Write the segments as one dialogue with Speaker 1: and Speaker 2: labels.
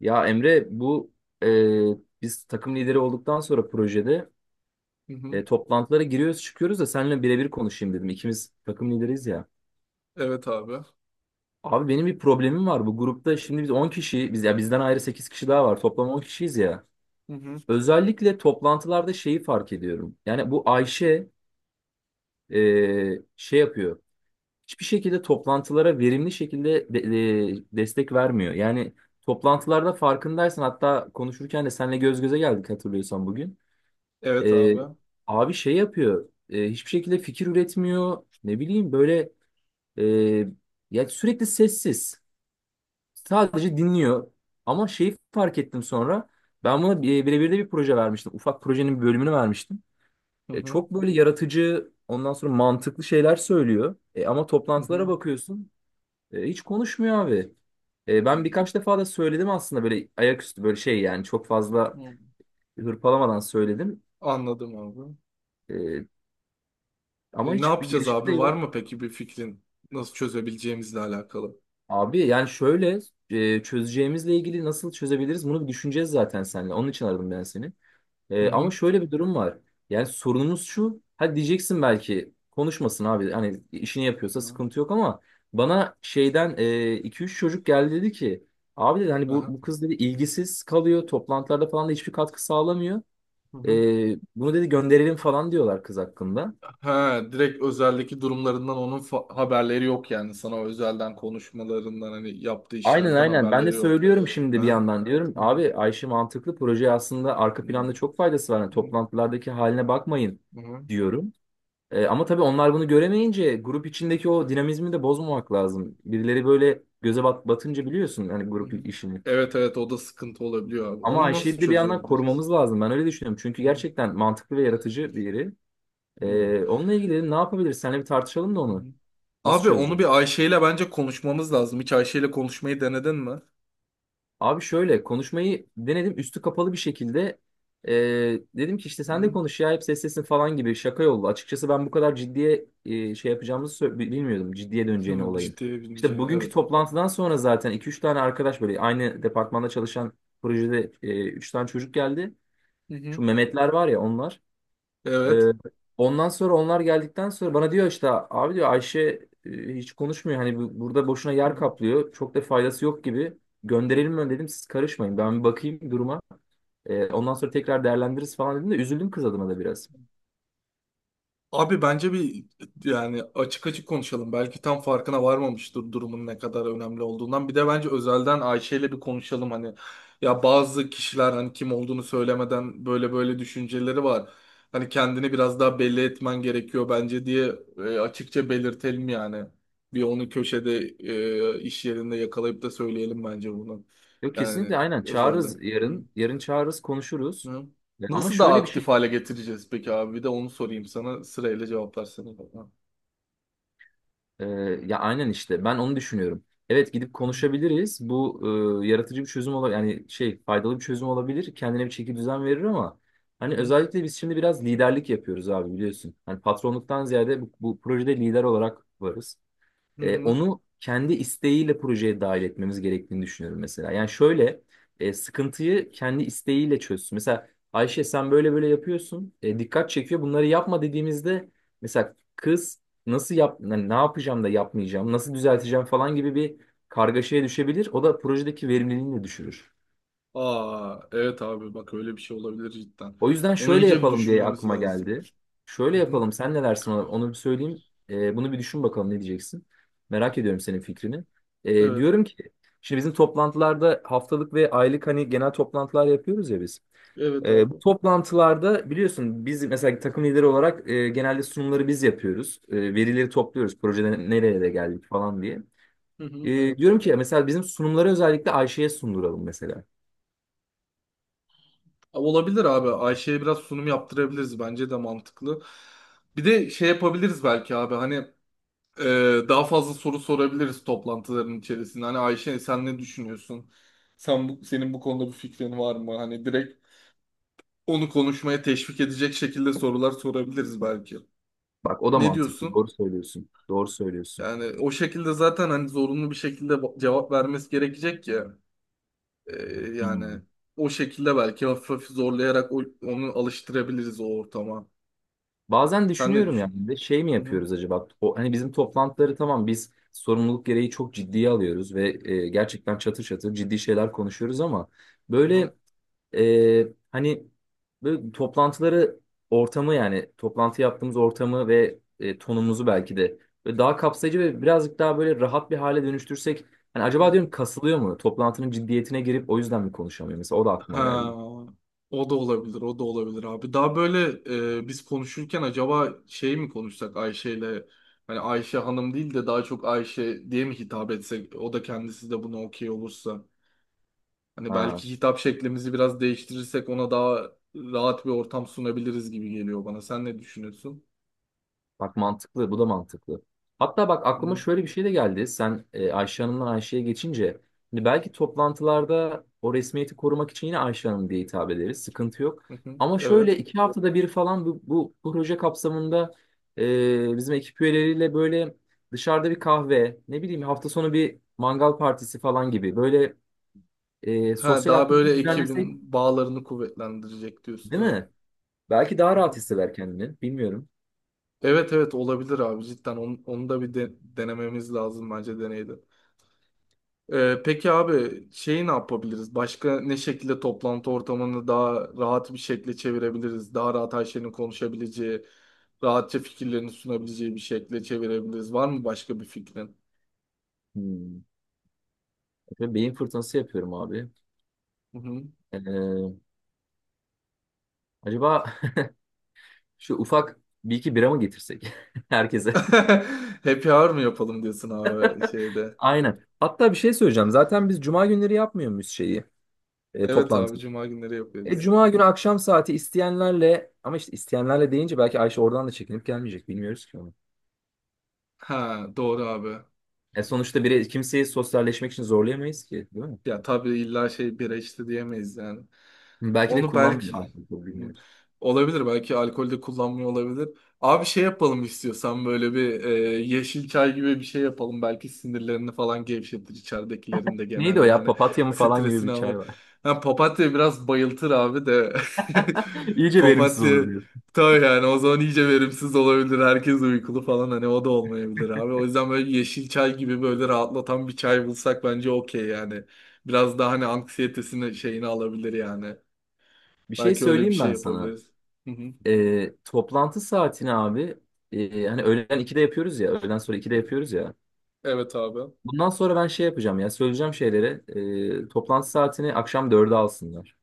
Speaker 1: Ya Emre, biz takım lideri olduktan sonra projede,
Speaker 2: Hı hı.
Speaker 1: toplantılara giriyoruz çıkıyoruz da seninle birebir konuşayım dedim. İkimiz takım lideriyiz ya.
Speaker 2: Evet abi.
Speaker 1: Abi, benim bir problemim var bu grupta. Şimdi biz 10 kişi, biz ya bizden ayrı 8 kişi daha var, toplam 10 kişiyiz ya.
Speaker 2: Hı hı.
Speaker 1: Özellikle toplantılarda şeyi fark ediyorum. Yani bu Ayşe şey yapıyor. Hiçbir şekilde toplantılara verimli şekilde destek vermiyor. Yani toplantılarda farkındaysan, hatta konuşurken de seninle göz göze geldik hatırlıyorsan bugün.
Speaker 2: Evet
Speaker 1: Ee,
Speaker 2: abi.
Speaker 1: Abi şey yapıyor. Hiçbir şekilde fikir üretmiyor. Ne bileyim, böyle e, ya sürekli sessiz. Sadece dinliyor. Ama şeyi fark ettim sonra. Ben buna birebir de bir proje vermiştim. Ufak projenin bir bölümünü vermiştim.
Speaker 2: Hı hı.
Speaker 1: Çok böyle yaratıcı, ondan sonra mantıklı şeyler söylüyor. Ama
Speaker 2: Hı hı.
Speaker 1: toplantılara bakıyorsun, hiç konuşmuyor abi. Ben
Speaker 2: Hmm.
Speaker 1: birkaç defa da söyledim aslında, böyle ayaküstü, böyle şey yani çok fazla
Speaker 2: Hı.
Speaker 1: hırpalamadan söyledim.
Speaker 2: Anladım abi.
Speaker 1: E, Ama
Speaker 2: Ne
Speaker 1: hiçbir
Speaker 2: yapacağız
Speaker 1: gelişme
Speaker 2: abi?
Speaker 1: de
Speaker 2: Var
Speaker 1: yok.
Speaker 2: mı peki bir fikrin? Nasıl çözebileceğimizle alakalı?
Speaker 1: Abi yani şöyle, çözeceğimizle ilgili nasıl çözebiliriz bunu bir düşüneceğiz zaten seninle. Onun için aradım ben seni.
Speaker 2: Hı
Speaker 1: Ama
Speaker 2: hı.
Speaker 1: şöyle bir durum var. Yani sorunumuz şu. Hadi diyeceksin, belki konuşmasın abi. Hani işini yapıyorsa
Speaker 2: Hı.
Speaker 1: sıkıntı yok ama bana şeyden iki üç çocuk geldi, dedi ki, abi dedi, hani bu,
Speaker 2: Aha.
Speaker 1: bu kız dedi ilgisiz kalıyor. Toplantılarda falan da hiçbir katkı sağlamıyor.
Speaker 2: Hı
Speaker 1: E,
Speaker 2: hı.
Speaker 1: Bunu dedi, gönderelim falan diyorlar kız hakkında.
Speaker 2: Ha, direkt özeldeki durumlarından onun haberleri yok yani. Sana özelden konuşmalarından hani yaptığı
Speaker 1: Aynen,
Speaker 2: işlerden
Speaker 1: aynen. Ben de
Speaker 2: haberleri yok.
Speaker 1: söylüyorum şimdi bir
Speaker 2: Aha.
Speaker 1: yandan. Diyorum,
Speaker 2: Hı hı.
Speaker 1: abi Ayşe mantıklı, proje aslında arka
Speaker 2: Hı hı.
Speaker 1: planda çok faydası var. Yani toplantılardaki haline bakmayın
Speaker 2: Hı hı.
Speaker 1: diyorum. Ama tabii onlar bunu göremeyince grup içindeki o dinamizmi de bozmamak lazım. Birileri böyle göze batınca biliyorsun hani
Speaker 2: Hı hı.
Speaker 1: grup işini.
Speaker 2: Evet, evet, o da sıkıntı olabiliyor abi.
Speaker 1: Ama
Speaker 2: Onu
Speaker 1: Ayşe'yi
Speaker 2: nasıl
Speaker 1: de bir yandan
Speaker 2: çözebiliriz?
Speaker 1: korumamız lazım. Ben öyle düşünüyorum.
Speaker 2: Hı
Speaker 1: Çünkü
Speaker 2: hı.
Speaker 1: gerçekten mantıklı ve yaratıcı biri.
Speaker 2: Hı
Speaker 1: Onunla ilgili ne yapabiliriz? Seninle bir tartışalım da
Speaker 2: hı.
Speaker 1: onu. Nasıl
Speaker 2: Abi onu
Speaker 1: çözeceğiz?
Speaker 2: bir Ayşe ile bence konuşmamız lazım. Hiç Ayşe ile konuşmayı denedin mi?
Speaker 1: Abi, şöyle konuşmayı denedim üstü kapalı bir şekilde. Ee, Dedim ki, işte sen de
Speaker 2: Hı
Speaker 1: konuş ya, hep seslesin falan gibi şaka yollu. Açıkçası ben bu kadar ciddiye şey yapacağımızı bilmiyordum. Ciddiye döneceğini
Speaker 2: hı,
Speaker 1: olayın.
Speaker 2: ciddiye
Speaker 1: İşte
Speaker 2: bineceğini.
Speaker 1: bugünkü
Speaker 2: Evet.
Speaker 1: toplantıdan sonra zaten iki üç tane arkadaş, böyle aynı departmanda çalışan projede, 3 tane çocuk geldi.
Speaker 2: Hı hı.
Speaker 1: Şu Mehmetler var ya, onlar.
Speaker 2: Evet.
Speaker 1: Ee, Ondan sonra onlar geldikten sonra bana diyor, işte abi diyor, Ayşe hiç konuşmuyor. Hani burada boşuna yer
Speaker 2: Hı.
Speaker 1: kaplıyor. Çok da faydası yok gibi. Gönderelim mi dedim, siz karışmayın. Ben bir bakayım duruma. Ondan sonra tekrar değerlendiririz falan dedim de üzüldüm kız adına da biraz.
Speaker 2: Abi bence bir yani açık açık konuşalım. Belki tam farkına varmamıştır durumun ne kadar önemli olduğundan. Bir de bence özelden Ayşe ile bir konuşalım hani. Ya bazı kişiler hani kim olduğunu söylemeden böyle böyle düşünceleri var. Hani kendini biraz daha belli etmen gerekiyor bence diye açıkça belirtelim yani. Bir onu köşede iş yerinde yakalayıp da söyleyelim bence bunu.
Speaker 1: Yok,
Speaker 2: Yani
Speaker 1: kesinlikle, aynen
Speaker 2: özelden.
Speaker 1: çağırırız
Speaker 2: Hı.
Speaker 1: yarın. Yarın çağırırız, konuşuruz.
Speaker 2: Hı.
Speaker 1: Ama
Speaker 2: Nasıl daha
Speaker 1: şöyle bir şey.
Speaker 2: aktif hale getireceğiz peki abi? Bir de onu sorayım sana. Sırayla cevaplarsana bana.
Speaker 1: Ee, Ya aynen, işte ben onu düşünüyorum. Evet, gidip konuşabiliriz. Bu yaratıcı bir çözüm olabilir. Yani şey, faydalı bir çözüm olabilir. Kendine bir çeki düzen verir ama
Speaker 2: Hı
Speaker 1: hani
Speaker 2: hı.
Speaker 1: özellikle biz şimdi biraz liderlik yapıyoruz abi, biliyorsun. Hani patronluktan ziyade bu projede lider olarak varız.
Speaker 2: Hı hı.
Speaker 1: Onu kendi isteğiyle projeye dahil etmemiz gerektiğini düşünüyorum mesela. Yani şöyle, sıkıntıyı kendi isteğiyle çözsün. Mesela Ayşe, sen böyle böyle yapıyorsun. Dikkat çekiyor. Bunları yapma dediğimizde mesela kız nasıl yap yani, ne yapacağım da yapmayacağım, nasıl düzelteceğim falan gibi bir kargaşaya düşebilir. O da projedeki verimliliğini de düşürür.
Speaker 2: Aa, evet abi, bak öyle bir şey olabilir cidden.
Speaker 1: O yüzden
Speaker 2: Onu
Speaker 1: şöyle
Speaker 2: iyice bir
Speaker 1: yapalım diye
Speaker 2: düşünmemiz
Speaker 1: aklıma
Speaker 2: lazım.
Speaker 1: geldi. Şöyle
Speaker 2: Hı hı.
Speaker 1: yapalım, sen ne dersin ona? Onu bir söyleyeyim. Bunu bir düşün bakalım, ne diyeceksin. Merak ediyorum senin fikrini.
Speaker 2: Evet.
Speaker 1: Diyorum ki, şimdi bizim toplantılarda haftalık ve aylık, hani genel toplantılar yapıyoruz ya biz.
Speaker 2: Evet
Speaker 1: Bu
Speaker 2: abi.
Speaker 1: toplantılarda biliyorsun, biz mesela takım lideri olarak genelde sunumları biz yapıyoruz. Verileri topluyoruz. Projede nereye de geldik falan diye.
Speaker 2: Hı hı. Evet
Speaker 1: Diyorum
Speaker 2: abi.
Speaker 1: ki, mesela bizim sunumları özellikle Ayşe'ye sunduralım mesela.
Speaker 2: Abi olabilir abi. Ayşe'ye biraz sunum yaptırabiliriz. Bence de mantıklı. Bir de şey yapabiliriz belki abi. Hani e, daha fazla soru sorabiliriz toplantıların içerisinde. Hani Ayşe, sen ne düşünüyorsun? Sen senin bu konuda bir fikrin var mı? Hani direkt onu konuşmaya teşvik edecek şekilde sorular sorabiliriz belki.
Speaker 1: Bak, o da
Speaker 2: Ne
Speaker 1: mantıklı.
Speaker 2: diyorsun?
Speaker 1: Doğru söylüyorsun. Doğru söylüyorsun.
Speaker 2: Yani o şekilde zaten hani zorunlu bir şekilde cevap vermesi gerekecek ya. Ee,
Speaker 1: Hmm.
Speaker 2: Yani o şekilde belki hafif hafif zorlayarak onu alıştırabiliriz o ortama.
Speaker 1: Bazen
Speaker 2: Sen ne
Speaker 1: düşünüyorum yani,
Speaker 2: düşünüyorsun?
Speaker 1: bir de şey mi
Speaker 2: Hı hı.
Speaker 1: yapıyoruz acaba? O, hani bizim toplantıları, tamam biz sorumluluk gereği çok ciddiye alıyoruz ve gerçekten çatır çatır ciddi şeyler konuşuyoruz ama
Speaker 2: Hı
Speaker 1: böyle hani, böyle toplantıları, ortamı yani toplantı yaptığımız ortamı ve tonumuzu belki de böyle daha kapsayıcı ve birazcık daha böyle rahat bir hale dönüştürsek, hani acaba
Speaker 2: hı.
Speaker 1: diyorum, kasılıyor mu? Toplantının ciddiyetine girip o yüzden mi konuşamıyor? Mesela o da aklıma
Speaker 2: Ha,
Speaker 1: geldi.
Speaker 2: o da olabilir, o da olabilir abi. Daha böyle biz konuşurken acaba şey mi konuşsak Ayşe'yle, hani Ayşe Hanım değil de daha çok Ayşe diye mi hitap etsek, o da kendisi de buna okey olursa. Hani
Speaker 1: Ha.
Speaker 2: belki hitap şeklimizi biraz değiştirirsek ona daha rahat bir ortam sunabiliriz gibi geliyor bana. Sen ne düşünüyorsun?
Speaker 1: Bak mantıklı, bu da mantıklı. Hatta bak, aklıma
Speaker 2: Hı,
Speaker 1: şöyle bir şey de geldi. Sen Ayşe Hanım'dan Ayşe'ye geçince. Şimdi belki toplantılarda o resmiyeti korumak için yine Ayşe Hanım diye hitap ederiz, sıkıntı yok.
Speaker 2: hı, hı.
Speaker 1: Ama
Speaker 2: Evet.
Speaker 1: şöyle 2 haftada bir falan bu proje kapsamında bizim ekip üyeleriyle böyle dışarıda bir kahve, ne bileyim hafta sonu bir mangal partisi falan gibi böyle
Speaker 2: Ha,
Speaker 1: sosyal
Speaker 2: daha böyle
Speaker 1: aktivite düzenlesek,
Speaker 2: ekibin bağlarını kuvvetlendirecek diyorsun.
Speaker 1: değil mi? Belki daha rahat
Speaker 2: Evet.
Speaker 1: hisseder kendini. Bilmiyorum.
Speaker 2: Evet, evet, olabilir abi cidden, onu, onu da bir denememiz lazım bence deneydi. Peki abi, şeyi ne yapabiliriz? Başka ne şekilde toplantı ortamını daha rahat bir şekilde çevirebiliriz? Daha rahat her şeyini konuşabileceği, rahatça fikirlerini sunabileceği bir şekilde çevirebiliriz. Var mı başka bir fikrin?
Speaker 1: Hmm. Beyin fırtınası yapıyorum abi.
Speaker 2: Hı hı.
Speaker 1: Ee, Acaba şu ufak bir iki bira mı getirsek herkese?
Speaker 2: Happy hour mı yapalım diyorsun abi şeyde?
Speaker 1: Aynen. Hatta bir şey söyleyeceğim. Zaten biz cuma günleri yapmıyor muyuz şeyi,
Speaker 2: Evet
Speaker 1: toplantı?
Speaker 2: abi, cuma günleri yapıyoruz.
Speaker 1: Cuma günü akşam saati isteyenlerle, ama işte isteyenlerle deyince belki Ayşe oradan da çekinip gelmeyecek. Bilmiyoruz ki onu.
Speaker 2: Ha, doğru abi.
Speaker 1: Sonuçta biri kimseyi sosyalleşmek için zorlayamayız ki, değil mi?
Speaker 2: Ya tabii illa şey bira içti diyemeyiz yani.
Speaker 1: Belki de
Speaker 2: Onu
Speaker 1: kullanmıyor,
Speaker 2: belki,
Speaker 1: alkol, bilmiyoruz.
Speaker 2: olabilir, belki alkolde kullanmıyor olabilir. Abi şey yapalım istiyorsan böyle bir yeşil çay gibi bir şey yapalım. Belki sinirlerini falan gevşetir, içeridekilerin de
Speaker 1: Neydi
Speaker 2: genel
Speaker 1: o ya?
Speaker 2: yani
Speaker 1: Papatya mı falan gibi
Speaker 2: stresini
Speaker 1: bir
Speaker 2: alır.
Speaker 1: çay var.
Speaker 2: Ha, papatya biraz bayıltır abi de
Speaker 1: İyice verimsiz
Speaker 2: papatya
Speaker 1: olur diyor.
Speaker 2: tabii yani, o zaman iyice verimsiz olabilir. Herkes uykulu falan, hani o da olmayabilir abi. O yüzden böyle yeşil çay gibi böyle rahatlatan bir çay bulsak bence okey yani. Biraz daha hani anksiyetesini şeyini alabilir yani.
Speaker 1: Bir şey
Speaker 2: Belki öyle bir
Speaker 1: söyleyeyim
Speaker 2: şey
Speaker 1: ben sana.
Speaker 2: yapabiliriz. Hı hı.
Speaker 1: Toplantı saatini abi, hani öğlen 2'de yapıyoruz ya, öğleden sonra 2'de yapıyoruz ya.
Speaker 2: Evet abi.
Speaker 1: Bundan sonra ben şey yapacağım, ya söyleyeceğim şeylere, toplantı saatini akşam 4'e alsınlar.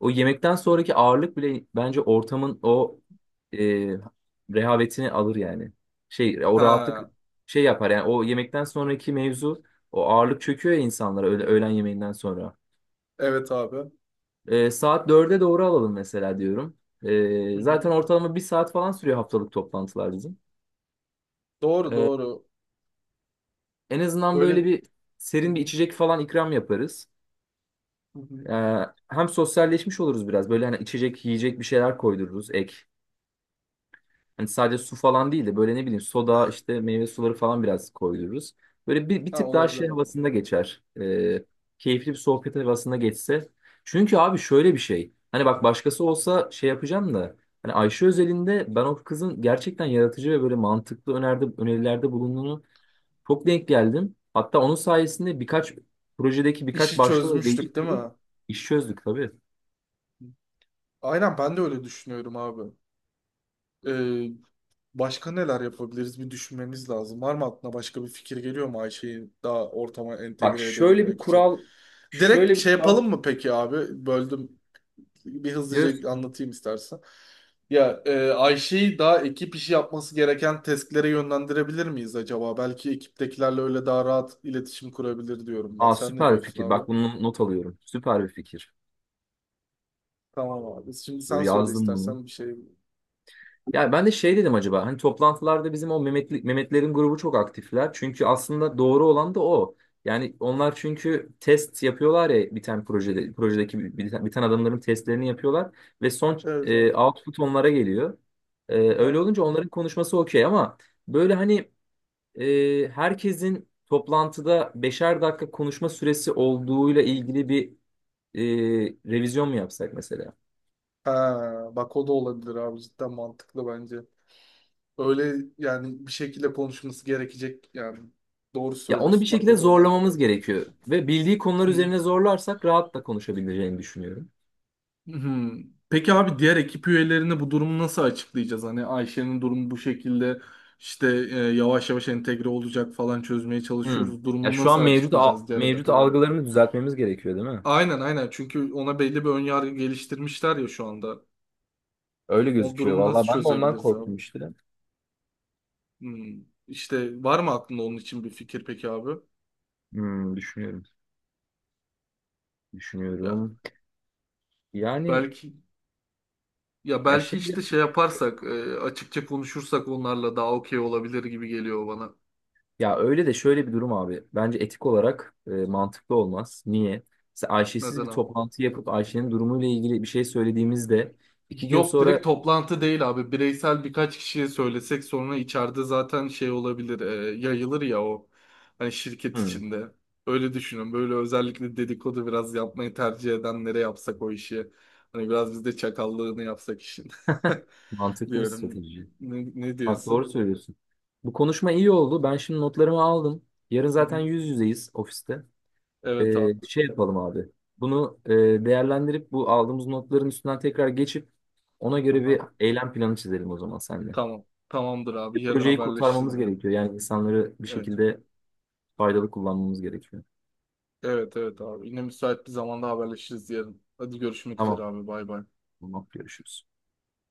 Speaker 1: O yemekten sonraki ağırlık bile bence ortamın o e, rehavetini alır yani. Şey, o rahatlık
Speaker 2: Ha,
Speaker 1: şey yapar yani, o yemekten sonraki mevzu, o ağırlık çöküyor ya insanlara öyle öğlen yemeğinden sonra.
Speaker 2: evet abi.
Speaker 1: Saat 4'e doğru alalım mesela diyorum.
Speaker 2: Hı hı.
Speaker 1: Zaten ortalama bir saat falan sürüyor haftalık toplantılar bizim.
Speaker 2: Doğru, doğru.
Speaker 1: En azından
Speaker 2: Öyle.
Speaker 1: böyle bir
Speaker 2: Hı
Speaker 1: serin bir
Speaker 2: hı.
Speaker 1: içecek falan ikram yaparız.
Speaker 2: Hı hı.
Speaker 1: Ee, Hem sosyalleşmiş oluruz biraz. Böyle, hani içecek, yiyecek bir şeyler koydururuz ek. Hani sadece su falan değil de böyle, ne bileyim, soda, işte meyve suları falan biraz koydururuz. Böyle bir
Speaker 2: Ha,
Speaker 1: tık daha
Speaker 2: olabilir
Speaker 1: şey
Speaker 2: abi.
Speaker 1: havasında geçer. Keyifli bir sohbet havasında geçse. Çünkü abi şöyle bir şey. Hani bak, başkası olsa şey yapacağım da. Hani Ayşe özelinde ben o kızın gerçekten yaratıcı ve böyle mantıklı önerilerde bulunduğunu çok denk geldim. Hatta onun sayesinde birkaç projedeki birkaç
Speaker 2: İşi
Speaker 1: başlığı da
Speaker 2: çözmüştük değil
Speaker 1: değiştirdik.
Speaker 2: mi?
Speaker 1: İş çözdük tabii.
Speaker 2: Aynen, ben de öyle düşünüyorum abi. Ee, Başka neler yapabiliriz, bir düşünmeniz lazım. Var mı aklına başka bir fikir geliyor mu Ayşe'yi daha ortama
Speaker 1: Bak
Speaker 2: entegre
Speaker 1: şöyle bir
Speaker 2: edebilmek için?
Speaker 1: kural, şöyle
Speaker 2: Direkt
Speaker 1: bir
Speaker 2: şey
Speaker 1: kural.
Speaker 2: yapalım mı peki abi? Böldüm. Bir hızlıca
Speaker 1: Biliyorsun.
Speaker 2: anlatayım istersen. Ya Ayşe'yi daha ekip işi yapması gereken testlere yönlendirebilir miyiz acaba? Belki ekiptekilerle öyle daha rahat iletişim kurabilir diyorum ben.
Speaker 1: Aa,
Speaker 2: Sen ne
Speaker 1: süper bir
Speaker 2: diyorsun
Speaker 1: fikir.
Speaker 2: abi?
Speaker 1: Bak bunu not alıyorum. Süper bir fikir.
Speaker 2: Tamam abi. Şimdi
Speaker 1: Dur,
Speaker 2: sen söyle
Speaker 1: yazdım bunu.
Speaker 2: istersen bir şey.
Speaker 1: Ya ben de şey dedim, acaba hani toplantılarda bizim o Mehmetlerin grubu çok aktifler. Çünkü aslında doğru olan da o. Yani onlar çünkü test yapıyorlar ya, bir tane projedeki bir tane adamların testlerini yapıyorlar ve son
Speaker 2: Evet abi.
Speaker 1: output onlara geliyor. Öyle
Speaker 2: Aha.
Speaker 1: olunca onların konuşması okey ama böyle, hani herkesin toplantıda 5'er dakika konuşma süresi olduğuyla ilgili bir e, revizyon mu yapsak mesela?
Speaker 2: Ha, bak o da olabilir abi. Cidden mantıklı bence. Öyle yani, bir şekilde konuşması gerekecek yani. Doğru
Speaker 1: Ya onu
Speaker 2: söylüyorsun.
Speaker 1: bir
Speaker 2: Bak
Speaker 1: şekilde
Speaker 2: o da olabilir.
Speaker 1: zorlamamız gerekiyor ve bildiği konular
Speaker 2: Hı.
Speaker 1: üzerine zorlarsak rahatla konuşabileceğini düşünüyorum.
Speaker 2: Hmm. Peki abi, diğer ekip üyelerine bu durumu nasıl açıklayacağız? Hani Ayşe'nin durumu bu şekilde, işte yavaş yavaş entegre olacak falan, çözmeye
Speaker 1: Hmm.
Speaker 2: çalışıyoruz.
Speaker 1: Ya
Speaker 2: Durumunu
Speaker 1: şu
Speaker 2: nasıl
Speaker 1: an mevcut
Speaker 2: açıklayacağız diğer ekip
Speaker 1: mevcut
Speaker 2: üyelerine?
Speaker 1: algılarını düzeltmemiz gerekiyor, değil mi?
Speaker 2: Aynen, aynen, çünkü ona belli bir ön yargı geliştirmişler ya şu anda.
Speaker 1: Öyle
Speaker 2: O
Speaker 1: gözüküyor.
Speaker 2: durumu nasıl
Speaker 1: Vallahi ben de ondan
Speaker 2: çözebiliriz abi?
Speaker 1: korktum işte.
Speaker 2: Hmm. İşte var mı aklında onun için bir fikir peki abi?
Speaker 1: Hmm, düşünüyorum.
Speaker 2: Ya
Speaker 1: Düşünüyorum. Yani,
Speaker 2: belki, ya
Speaker 1: ya
Speaker 2: belki
Speaker 1: şey,
Speaker 2: işte şey yaparsak açıkça konuşursak onlarla daha okey olabilir gibi geliyor bana.
Speaker 1: ya öyle de şöyle bir durum abi. Bence etik olarak mantıklı olmaz. Niye? Mesela Ayşe'siz
Speaker 2: Neden
Speaker 1: bir
Speaker 2: abi?
Speaker 1: toplantı yapıp Ayşe'nin durumuyla ilgili bir şey söylediğimizde iki gün
Speaker 2: Yok, direkt
Speaker 1: sonra
Speaker 2: toplantı değil abi. Bireysel birkaç kişiye söylesek sonra içeride zaten şey olabilir, yayılır ya o. Hani şirket
Speaker 1: Hmm.
Speaker 2: içinde. Öyle düşünün. Böyle özellikle dedikodu biraz yapmayı tercih edenlere yapsak o işi. Hani biraz biz de çakallığını yapsak işin.
Speaker 1: Mantıklı bir
Speaker 2: Diyorum.
Speaker 1: strateji.
Speaker 2: Ne
Speaker 1: Bak doğru
Speaker 2: diyorsun?
Speaker 1: söylüyorsun. Bu konuşma iyi oldu. Ben şimdi notlarımı aldım. Yarın
Speaker 2: Hı
Speaker 1: zaten
Speaker 2: hı.
Speaker 1: yüz yüzeyiz ofiste.
Speaker 2: Evet abi.
Speaker 1: Şey yapalım abi. Bunu değerlendirip bu aldığımız notların üstünden tekrar geçip ona göre bir
Speaker 2: Aha.
Speaker 1: eylem planı çizelim o zaman seninle.
Speaker 2: Tamam. Tamamdır
Speaker 1: Bir
Speaker 2: abi. Yarın
Speaker 1: projeyi
Speaker 2: haberleşiriz
Speaker 1: kurtarmamız
Speaker 2: yine.
Speaker 1: gerekiyor. Yani insanları bir
Speaker 2: Evet.
Speaker 1: şekilde faydalı kullanmamız gerekiyor.
Speaker 2: Evet, evet abi. Yine müsait bir zamanda haberleşiriz yarın. Hadi görüşmek üzere
Speaker 1: Tamam.
Speaker 2: abi. Bay bay.
Speaker 1: Tamam. Görüşürüz.